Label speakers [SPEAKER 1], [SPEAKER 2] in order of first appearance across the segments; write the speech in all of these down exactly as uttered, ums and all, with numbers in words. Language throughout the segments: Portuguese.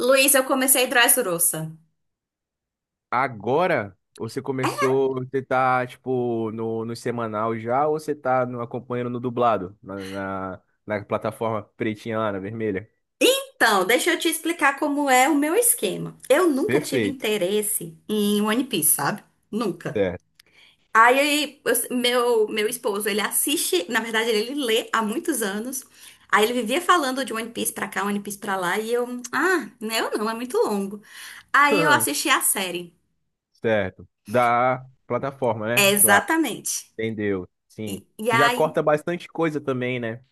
[SPEAKER 1] Luiz, eu comecei Dressrosa.
[SPEAKER 2] Agora, ou você
[SPEAKER 1] É,
[SPEAKER 2] começou, você tá, tipo, no, no semanal já, ou você tá no- acompanhando no dublado, na, na, na plataforma pretinha lá, na vermelha?
[SPEAKER 1] então, deixa eu te explicar como é o meu esquema. Eu nunca tive
[SPEAKER 2] Perfeito.
[SPEAKER 1] interesse em One Piece, sabe? Nunca.
[SPEAKER 2] Certo.
[SPEAKER 1] Aí, eu- meu, meu esposo, ele assiste, na verdade, ele lê há muitos anos. Aí ele vivia falando de One Piece pra cá, One Piece pra lá, e eu, ah, né, eu não, é muito longo. Aí eu assisti a série.
[SPEAKER 2] Certo. Da plataforma,
[SPEAKER 1] É,
[SPEAKER 2] né? Claro.
[SPEAKER 1] exatamente.
[SPEAKER 2] Entendeu. Sim.
[SPEAKER 1] E, e
[SPEAKER 2] Que já
[SPEAKER 1] aí
[SPEAKER 2] corta bastante coisa também, né?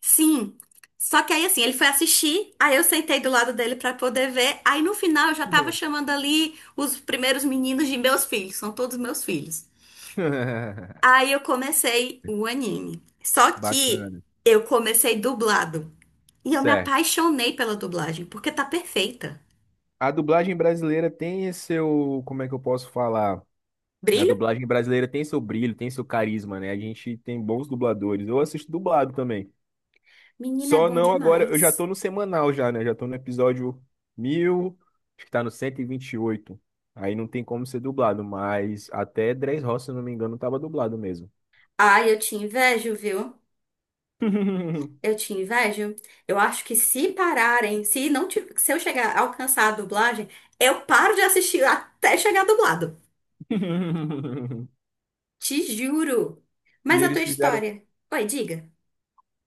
[SPEAKER 1] sim. Só que aí assim, ele foi assistir, aí eu sentei do lado dele pra poder ver. Aí no final eu já tava chamando ali os primeiros meninos de meus filhos, são todos meus filhos. Aí eu comecei o anime. Só que
[SPEAKER 2] Bacana.
[SPEAKER 1] eu comecei dublado. E eu me
[SPEAKER 2] Certo.
[SPEAKER 1] apaixonei pela dublagem, porque tá perfeita.
[SPEAKER 2] A dublagem brasileira tem esse seu, como é que eu posso falar? A
[SPEAKER 1] Brilho?
[SPEAKER 2] dublagem brasileira tem seu brilho, tem seu carisma, né? A gente tem bons dubladores. Eu assisto dublado também.
[SPEAKER 1] Menina, é
[SPEAKER 2] Só
[SPEAKER 1] bom
[SPEAKER 2] não agora, eu já
[SPEAKER 1] demais.
[SPEAKER 2] tô no semanal já, né? Já tô no episódio mil, acho que tá no cento e e vinte e oito. Aí não tem como ser dublado, mas até Dres Roça, se não me engano, tava dublado mesmo.
[SPEAKER 1] Ai, eu te invejo, viu? Eu te invejo. Eu acho que se pararem, se não, ti- se eu chegar a alcançar a dublagem, eu paro de assistir até chegar dublado. Te juro.
[SPEAKER 2] E
[SPEAKER 1] Mas a tua
[SPEAKER 2] eles fizeram.
[SPEAKER 1] história? Oi, diga.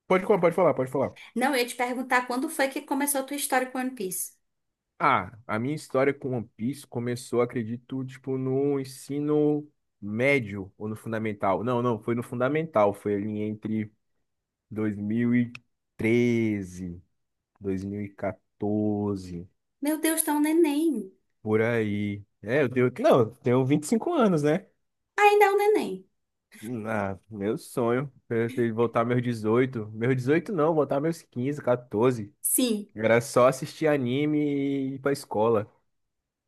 [SPEAKER 2] Pode falar, pode falar, pode falar.
[SPEAKER 1] Não, eu ia te perguntar quando foi que começou a tua história com One Piece.
[SPEAKER 2] Ah, a minha história com One Piece começou, acredito, tipo, no ensino médio ou no fundamental. Não, não, foi no fundamental, foi ali entre dois mil e treze, dois mil e quatorze,
[SPEAKER 1] Meu Deus, tá um neném.
[SPEAKER 2] por aí. É, eu tenho, não, eu tenho vinte e cinco anos, né?
[SPEAKER 1] Ainda é um neném.
[SPEAKER 2] Ah, meu sonho era ter voltar meus dezoito. Meus dezoito não, voltar meus quinze, quatorze.
[SPEAKER 1] Sim.
[SPEAKER 2] Era só assistir anime e ir pra escola.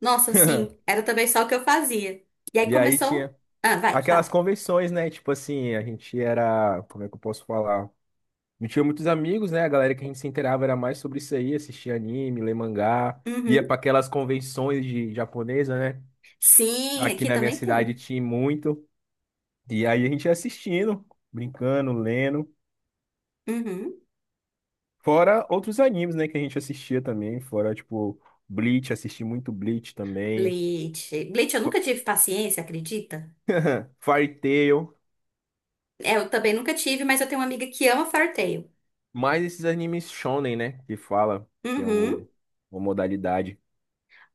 [SPEAKER 1] Nossa, sim. Era também só o que eu fazia. E aí
[SPEAKER 2] E aí
[SPEAKER 1] começou.
[SPEAKER 2] tinha
[SPEAKER 1] Ah, vai,
[SPEAKER 2] aquelas
[SPEAKER 1] fala.
[SPEAKER 2] convenções, né? Tipo assim, a gente era. Como é que eu posso falar? Não tinha muitos amigos, né? A galera que a gente se inteirava era mais sobre isso aí, assistia anime, lê mangá, ia
[SPEAKER 1] Uhum.
[SPEAKER 2] para aquelas convenções de japonesa, né?
[SPEAKER 1] Sim,
[SPEAKER 2] Aqui
[SPEAKER 1] aqui
[SPEAKER 2] na minha
[SPEAKER 1] também
[SPEAKER 2] cidade
[SPEAKER 1] tem.
[SPEAKER 2] tinha muito. E aí a gente ia assistindo, brincando, lendo.
[SPEAKER 1] Uhum.
[SPEAKER 2] Fora outros animes, né? Que a gente assistia também. Fora, tipo, Bleach, assisti muito Bleach também.
[SPEAKER 1] Bleach. Bleach, eu nunca tive paciência, acredita?
[SPEAKER 2] Fairy Tail.
[SPEAKER 1] É, eu também nunca tive, mas eu tenho uma amiga que ama Fartale.
[SPEAKER 2] Mais esses animes shonen, né? Que fala, que é
[SPEAKER 1] Uhum.
[SPEAKER 2] o, uma modalidade.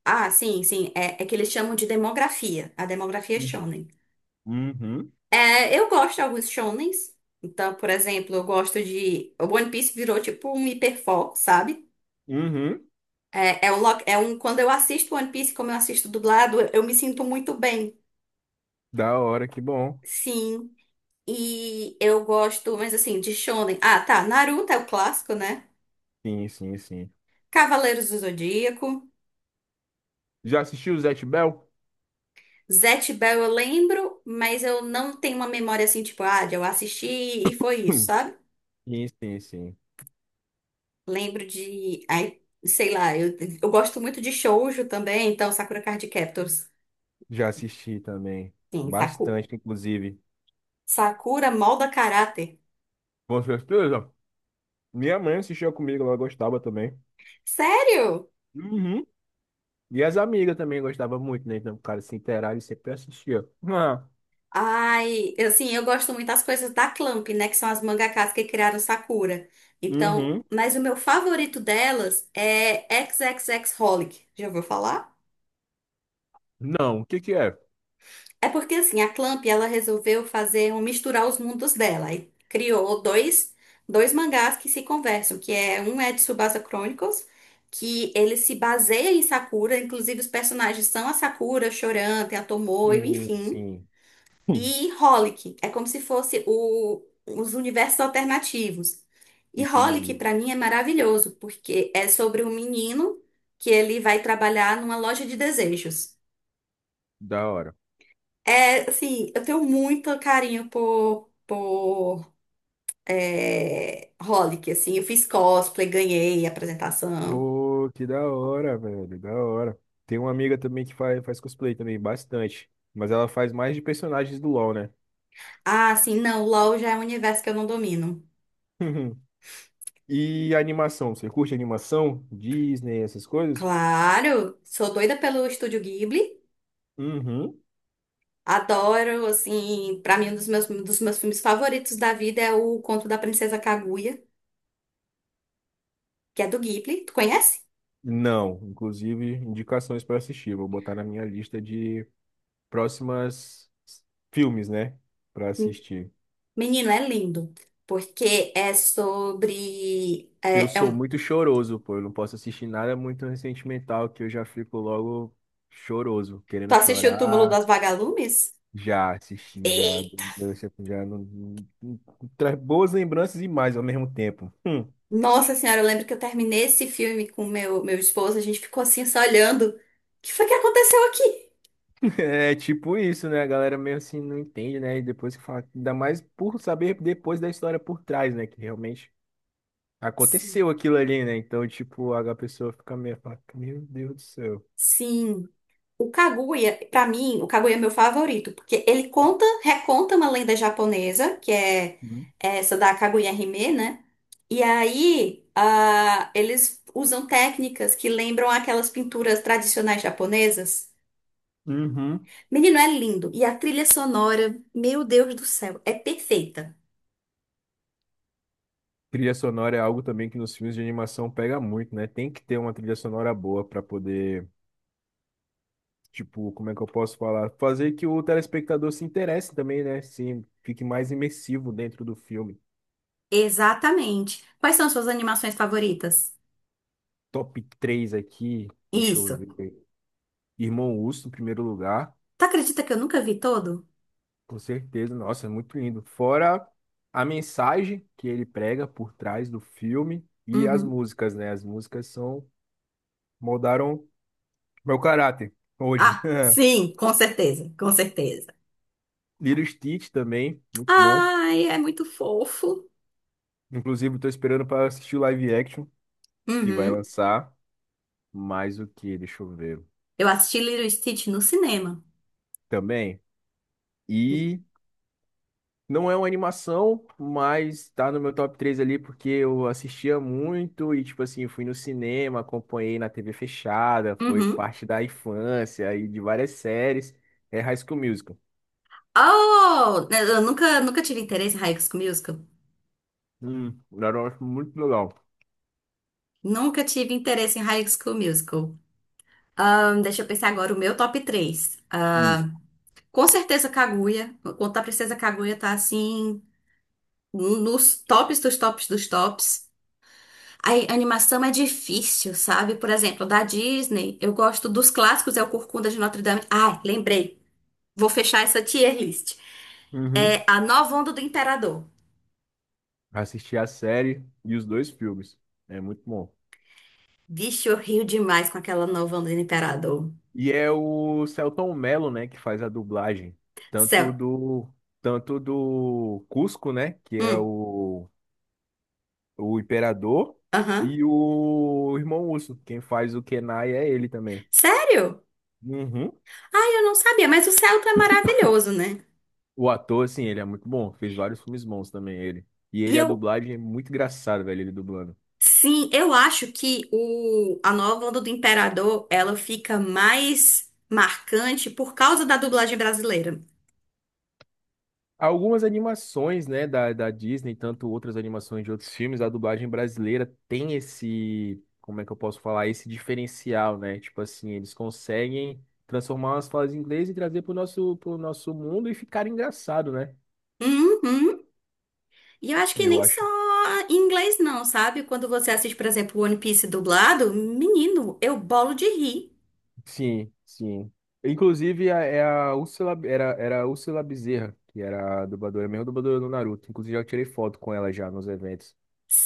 [SPEAKER 1] Ah, sim, sim. É, é que eles chamam de demografia. A demografia é shonen.
[SPEAKER 2] Uhum,
[SPEAKER 1] É, eu gosto de alguns shonens. Então, por exemplo, eu gosto de... O One Piece virou tipo um hiperfoco, sabe?
[SPEAKER 2] uhum.
[SPEAKER 1] É, é um, lo- é um... Quando eu assisto One Piece, como eu assisto dublado, eu, eu me sinto muito bem.
[SPEAKER 2] Da hora, que bom.
[SPEAKER 1] Sim. E eu gosto, mas assim, de shonen. Ah, tá. Naruto é o clássico, né?
[SPEAKER 2] Sim, sim, sim.
[SPEAKER 1] Cavaleiros do Zodíaco.
[SPEAKER 2] Já assistiu o Zatch Bell?
[SPEAKER 1] Zatch Bell eu lembro, mas eu não tenho uma memória assim, tipo, ah, de eu assisti e foi isso,
[SPEAKER 2] Hum.
[SPEAKER 1] sabe?
[SPEAKER 2] Sim, sim, sim.
[SPEAKER 1] Lembro de. Ai, sei lá, eu, eu gosto muito de shoujo também, então Sakura Card Captors.
[SPEAKER 2] Já assisti também.
[SPEAKER 1] Sim, Saku.
[SPEAKER 2] Bastante, inclusive.
[SPEAKER 1] Sakura molda caráter.
[SPEAKER 2] Com certeza. Minha mãe assistia comigo, ela gostava também.
[SPEAKER 1] Sério?
[SPEAKER 2] Uhum. E as amigas também gostavam muito, né? Então, o cara se inteirava e sempre assistia. Ah.
[SPEAKER 1] Ai, eu, assim, eu gosto muito das coisas da Clamp, né? Que são as mangakas que criaram Sakura. Então,
[SPEAKER 2] Uhum.
[SPEAKER 1] mas o meu favorito delas é xxxHolic. Já ouviu falar?
[SPEAKER 2] Não, o que que é?
[SPEAKER 1] É porque assim, a Clamp ela resolveu fazer um misturar os mundos dela e criou dois, dois mangás que se conversam, que é um é de Tsubasa Chronicles, que ele se baseia em Sakura, inclusive os personagens são a Sakura, Choran, tem a Tomoe,
[SPEAKER 2] Sim,
[SPEAKER 1] enfim,
[SPEAKER 2] sim. Hum.
[SPEAKER 1] e Holic, é como se fosse o, os universos alternativos. E Holic
[SPEAKER 2] Entendi.
[SPEAKER 1] pra mim é maravilhoso, porque é sobre um menino que ele vai trabalhar numa loja de desejos.
[SPEAKER 2] Da hora.
[SPEAKER 1] É, assim, eu tenho muito carinho por, por é, Holic, assim, eu fiz cosplay, ganhei apresentação.
[SPEAKER 2] Pô, que da hora, velho, da hora. Tem uma amiga também que faz, faz cosplay também, bastante. Mas ela faz mais de personagens do LoL, né?
[SPEAKER 1] Ah, assim, não, LOL já é um universo que eu não domino.
[SPEAKER 2] E animação, você curte animação? Disney, essas coisas?
[SPEAKER 1] Claro, sou doida pelo Estúdio Ghibli,
[SPEAKER 2] Uhum.
[SPEAKER 1] adoro, assim, pra mim um dos meus, um dos meus filmes favoritos da vida é o Conto da Princesa Kaguya, que é do Ghibli, tu conhece?
[SPEAKER 2] Não, inclusive indicações para assistir. Vou botar na minha lista de próximas filmes, né? Para assistir.
[SPEAKER 1] Menino, é lindo, porque é sobre...
[SPEAKER 2] Eu
[SPEAKER 1] É, é
[SPEAKER 2] sou
[SPEAKER 1] um-
[SPEAKER 2] muito choroso, pô. Eu não posso assistir nada muito sentimental que eu já fico logo choroso,
[SPEAKER 1] tu
[SPEAKER 2] querendo
[SPEAKER 1] assistiu o Túmulo
[SPEAKER 2] chorar.
[SPEAKER 1] das Vagalumes?
[SPEAKER 2] Já assisti, já, já não, não- não- traz boas lembranças e mais ao mesmo tempo. Hum.
[SPEAKER 1] Nossa senhora, eu lembro que eu terminei esse filme com meu meu esposo, a gente ficou assim só olhando. O que foi que aconteceu aqui?
[SPEAKER 2] É tipo isso, né? A galera meio assim não entende, né? E depois que fala, ainda mais por saber depois da história por trás, né? Que realmente
[SPEAKER 1] Sim.
[SPEAKER 2] aconteceu aquilo ali, né? Então, tipo, a pessoa fica meio, fala, meu Deus do céu.
[SPEAKER 1] Sim. O Kaguya, pra mim, o Kaguya é meu favorito, porque ele conta, reconta uma lenda japonesa, que é
[SPEAKER 2] Hum.
[SPEAKER 1] essa da Kaguya Hime, né? E aí, ah, eles usam técnicas que lembram aquelas pinturas tradicionais japonesas.
[SPEAKER 2] Uhum.
[SPEAKER 1] Menino, é lindo. E a trilha sonora, meu Deus do céu, é perfeita.
[SPEAKER 2] Trilha sonora é algo também que nos filmes de animação pega muito, né? Tem que ter uma trilha sonora boa para poder. Tipo, como é que eu posso falar? Fazer que o telespectador se interesse também, né? Sim, fique mais imersivo dentro do filme.
[SPEAKER 1] Exatamente. Quais são suas animações favoritas?
[SPEAKER 2] Top três aqui, deixa eu
[SPEAKER 1] Isso.
[SPEAKER 2] ver. Irmão Urso, em primeiro lugar,
[SPEAKER 1] Tu acredita que eu nunca vi todo?
[SPEAKER 2] com certeza. Nossa, é muito lindo. Fora a mensagem que ele prega por trás do filme e as
[SPEAKER 1] Uhum.
[SPEAKER 2] músicas, né? As músicas são moldaram meu caráter hoje.
[SPEAKER 1] Ah, sim, com certeza, com certeza.
[SPEAKER 2] Lilo Stitch também, muito bom.
[SPEAKER 1] Ai, é muito fofo.
[SPEAKER 2] Inclusive, tô esperando para assistir o live action que vai
[SPEAKER 1] Uhum.
[SPEAKER 2] lançar. Mais o que? Deixa eu ver.
[SPEAKER 1] Eu assisti Little Stitch no cinema.
[SPEAKER 2] Também. E não é uma animação, mas tá no meu top três ali porque eu assistia muito e, tipo assim, fui no cinema, acompanhei na T V fechada, foi
[SPEAKER 1] Uhum.
[SPEAKER 2] parte da infância e de várias séries. É High School Musical.
[SPEAKER 1] Oh, eu nunca, nunca tive interesse em High School Musical.
[SPEAKER 2] Hum, era muito legal.
[SPEAKER 1] Nunca tive interesse em High School Musical. Ahn, deixa eu pensar agora o meu top três.
[SPEAKER 2] Isso.
[SPEAKER 1] Com certeza Kaguya. Contar a Princesa Kaguya tá assim nos tops dos tops dos tops. A animação é difícil, sabe? Por exemplo, da Disney, eu gosto dos clássicos, é o Corcunda de Notre Dame. Ah, lembrei. Vou fechar essa tier list. É
[SPEAKER 2] Uhum.
[SPEAKER 1] a Nova Onda do Imperador.
[SPEAKER 2] Assisti a série e os dois filmes. É muito bom.
[SPEAKER 1] Vixe, eu rio demais com aquela Nova Onda do Imperador.
[SPEAKER 2] E é o Selton Mello, né, que faz a dublagem, tanto
[SPEAKER 1] Céu.
[SPEAKER 2] do tanto do Cusco, né, que é
[SPEAKER 1] Hum,
[SPEAKER 2] o o Imperador
[SPEAKER 1] aham.
[SPEAKER 2] e o Irmão Urso. Quem faz o Kenai é ele também.
[SPEAKER 1] Sério?
[SPEAKER 2] Uhum.
[SPEAKER 1] Ai, eu não sabia, mas o Celta é maravilhoso, né?
[SPEAKER 2] O ator, assim, ele é muito bom. Fez vários filmes bons também, ele. E
[SPEAKER 1] E
[SPEAKER 2] ele, a
[SPEAKER 1] eu
[SPEAKER 2] dublagem é muito engraçado, velho, ele dublando.
[SPEAKER 1] sim, eu acho que o, a nova onda do Imperador, ela fica mais marcante por causa da dublagem brasileira.
[SPEAKER 2] Algumas animações, né, da, da Disney, tanto outras animações de outros filmes, a dublagem brasileira tem esse, como é que eu posso falar, esse diferencial, né? Tipo assim, eles conseguem transformar umas falas em inglês e trazer pro nosso, pro nosso mundo e ficar engraçado, né?
[SPEAKER 1] Uhum. E eu acho que
[SPEAKER 2] Eu
[SPEAKER 1] nem só
[SPEAKER 2] acho.
[SPEAKER 1] em inglês não, sabe? Quando você assiste, por exemplo, One Piece dublado, menino, eu bolo de rir.
[SPEAKER 2] Sim, sim. Inclusive, a- é a Úrsula, era, era a Úrsula Bezerra, que era a dubladora, a mesma dubladora do Naruto. Inclusive, eu tirei foto com ela já nos eventos.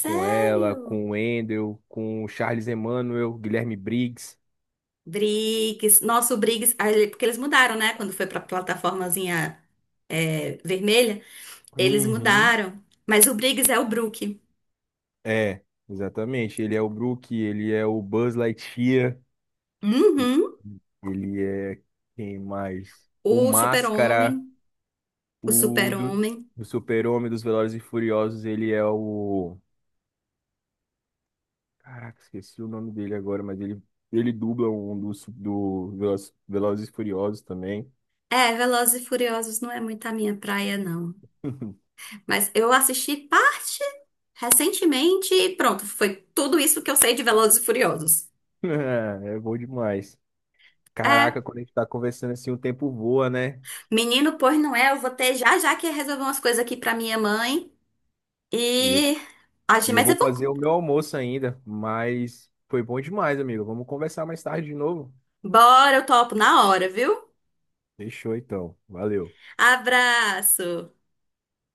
[SPEAKER 2] Com ela, com o Wendel, com o Charles Emmanuel, Guilherme Briggs.
[SPEAKER 1] Briggs, nosso Briggs, ah, ele- porque eles mudaram, né? Quando foi pra plataformazinha é, vermelha, eles
[SPEAKER 2] Uhum.
[SPEAKER 1] mudaram. Mas o Briggs é o Brook.
[SPEAKER 2] É, exatamente. Ele é o Brook, ele é o Buzz Lightyear, e-
[SPEAKER 1] Uhum.
[SPEAKER 2] ele é quem mais? O
[SPEAKER 1] O
[SPEAKER 2] Máscara,
[SPEAKER 1] Super-Homem. O
[SPEAKER 2] o do,
[SPEAKER 1] Super-Homem.
[SPEAKER 2] do Super-Homem dos Velozes e Furiosos, ele é o. Caraca, esqueci o nome dele agora, mas ele, ele dubla um dos do Veloz- Velozes e Furiosos também.
[SPEAKER 1] É, Velozes e Furiosos não é muito a minha praia, não. Mas eu assisti parte recentemente e pronto, foi tudo isso que eu sei de Velozes e Furiosos.
[SPEAKER 2] É, é bom demais.
[SPEAKER 1] É,
[SPEAKER 2] Caraca, quando a gente tá conversando assim, o tempo voa, né?
[SPEAKER 1] menino, pois não é, eu vou ter já já que resolver umas coisas aqui pra minha mãe
[SPEAKER 2] E eu,
[SPEAKER 1] e... Acho,
[SPEAKER 2] e eu
[SPEAKER 1] mas é
[SPEAKER 2] vou
[SPEAKER 1] bom.
[SPEAKER 2] fazer o meu almoço ainda, mas foi bom demais, amigo. Vamos conversar mais tarde de novo?
[SPEAKER 1] Bora, eu topo na hora, viu?
[SPEAKER 2] Fechou então. Valeu.
[SPEAKER 1] Abraço!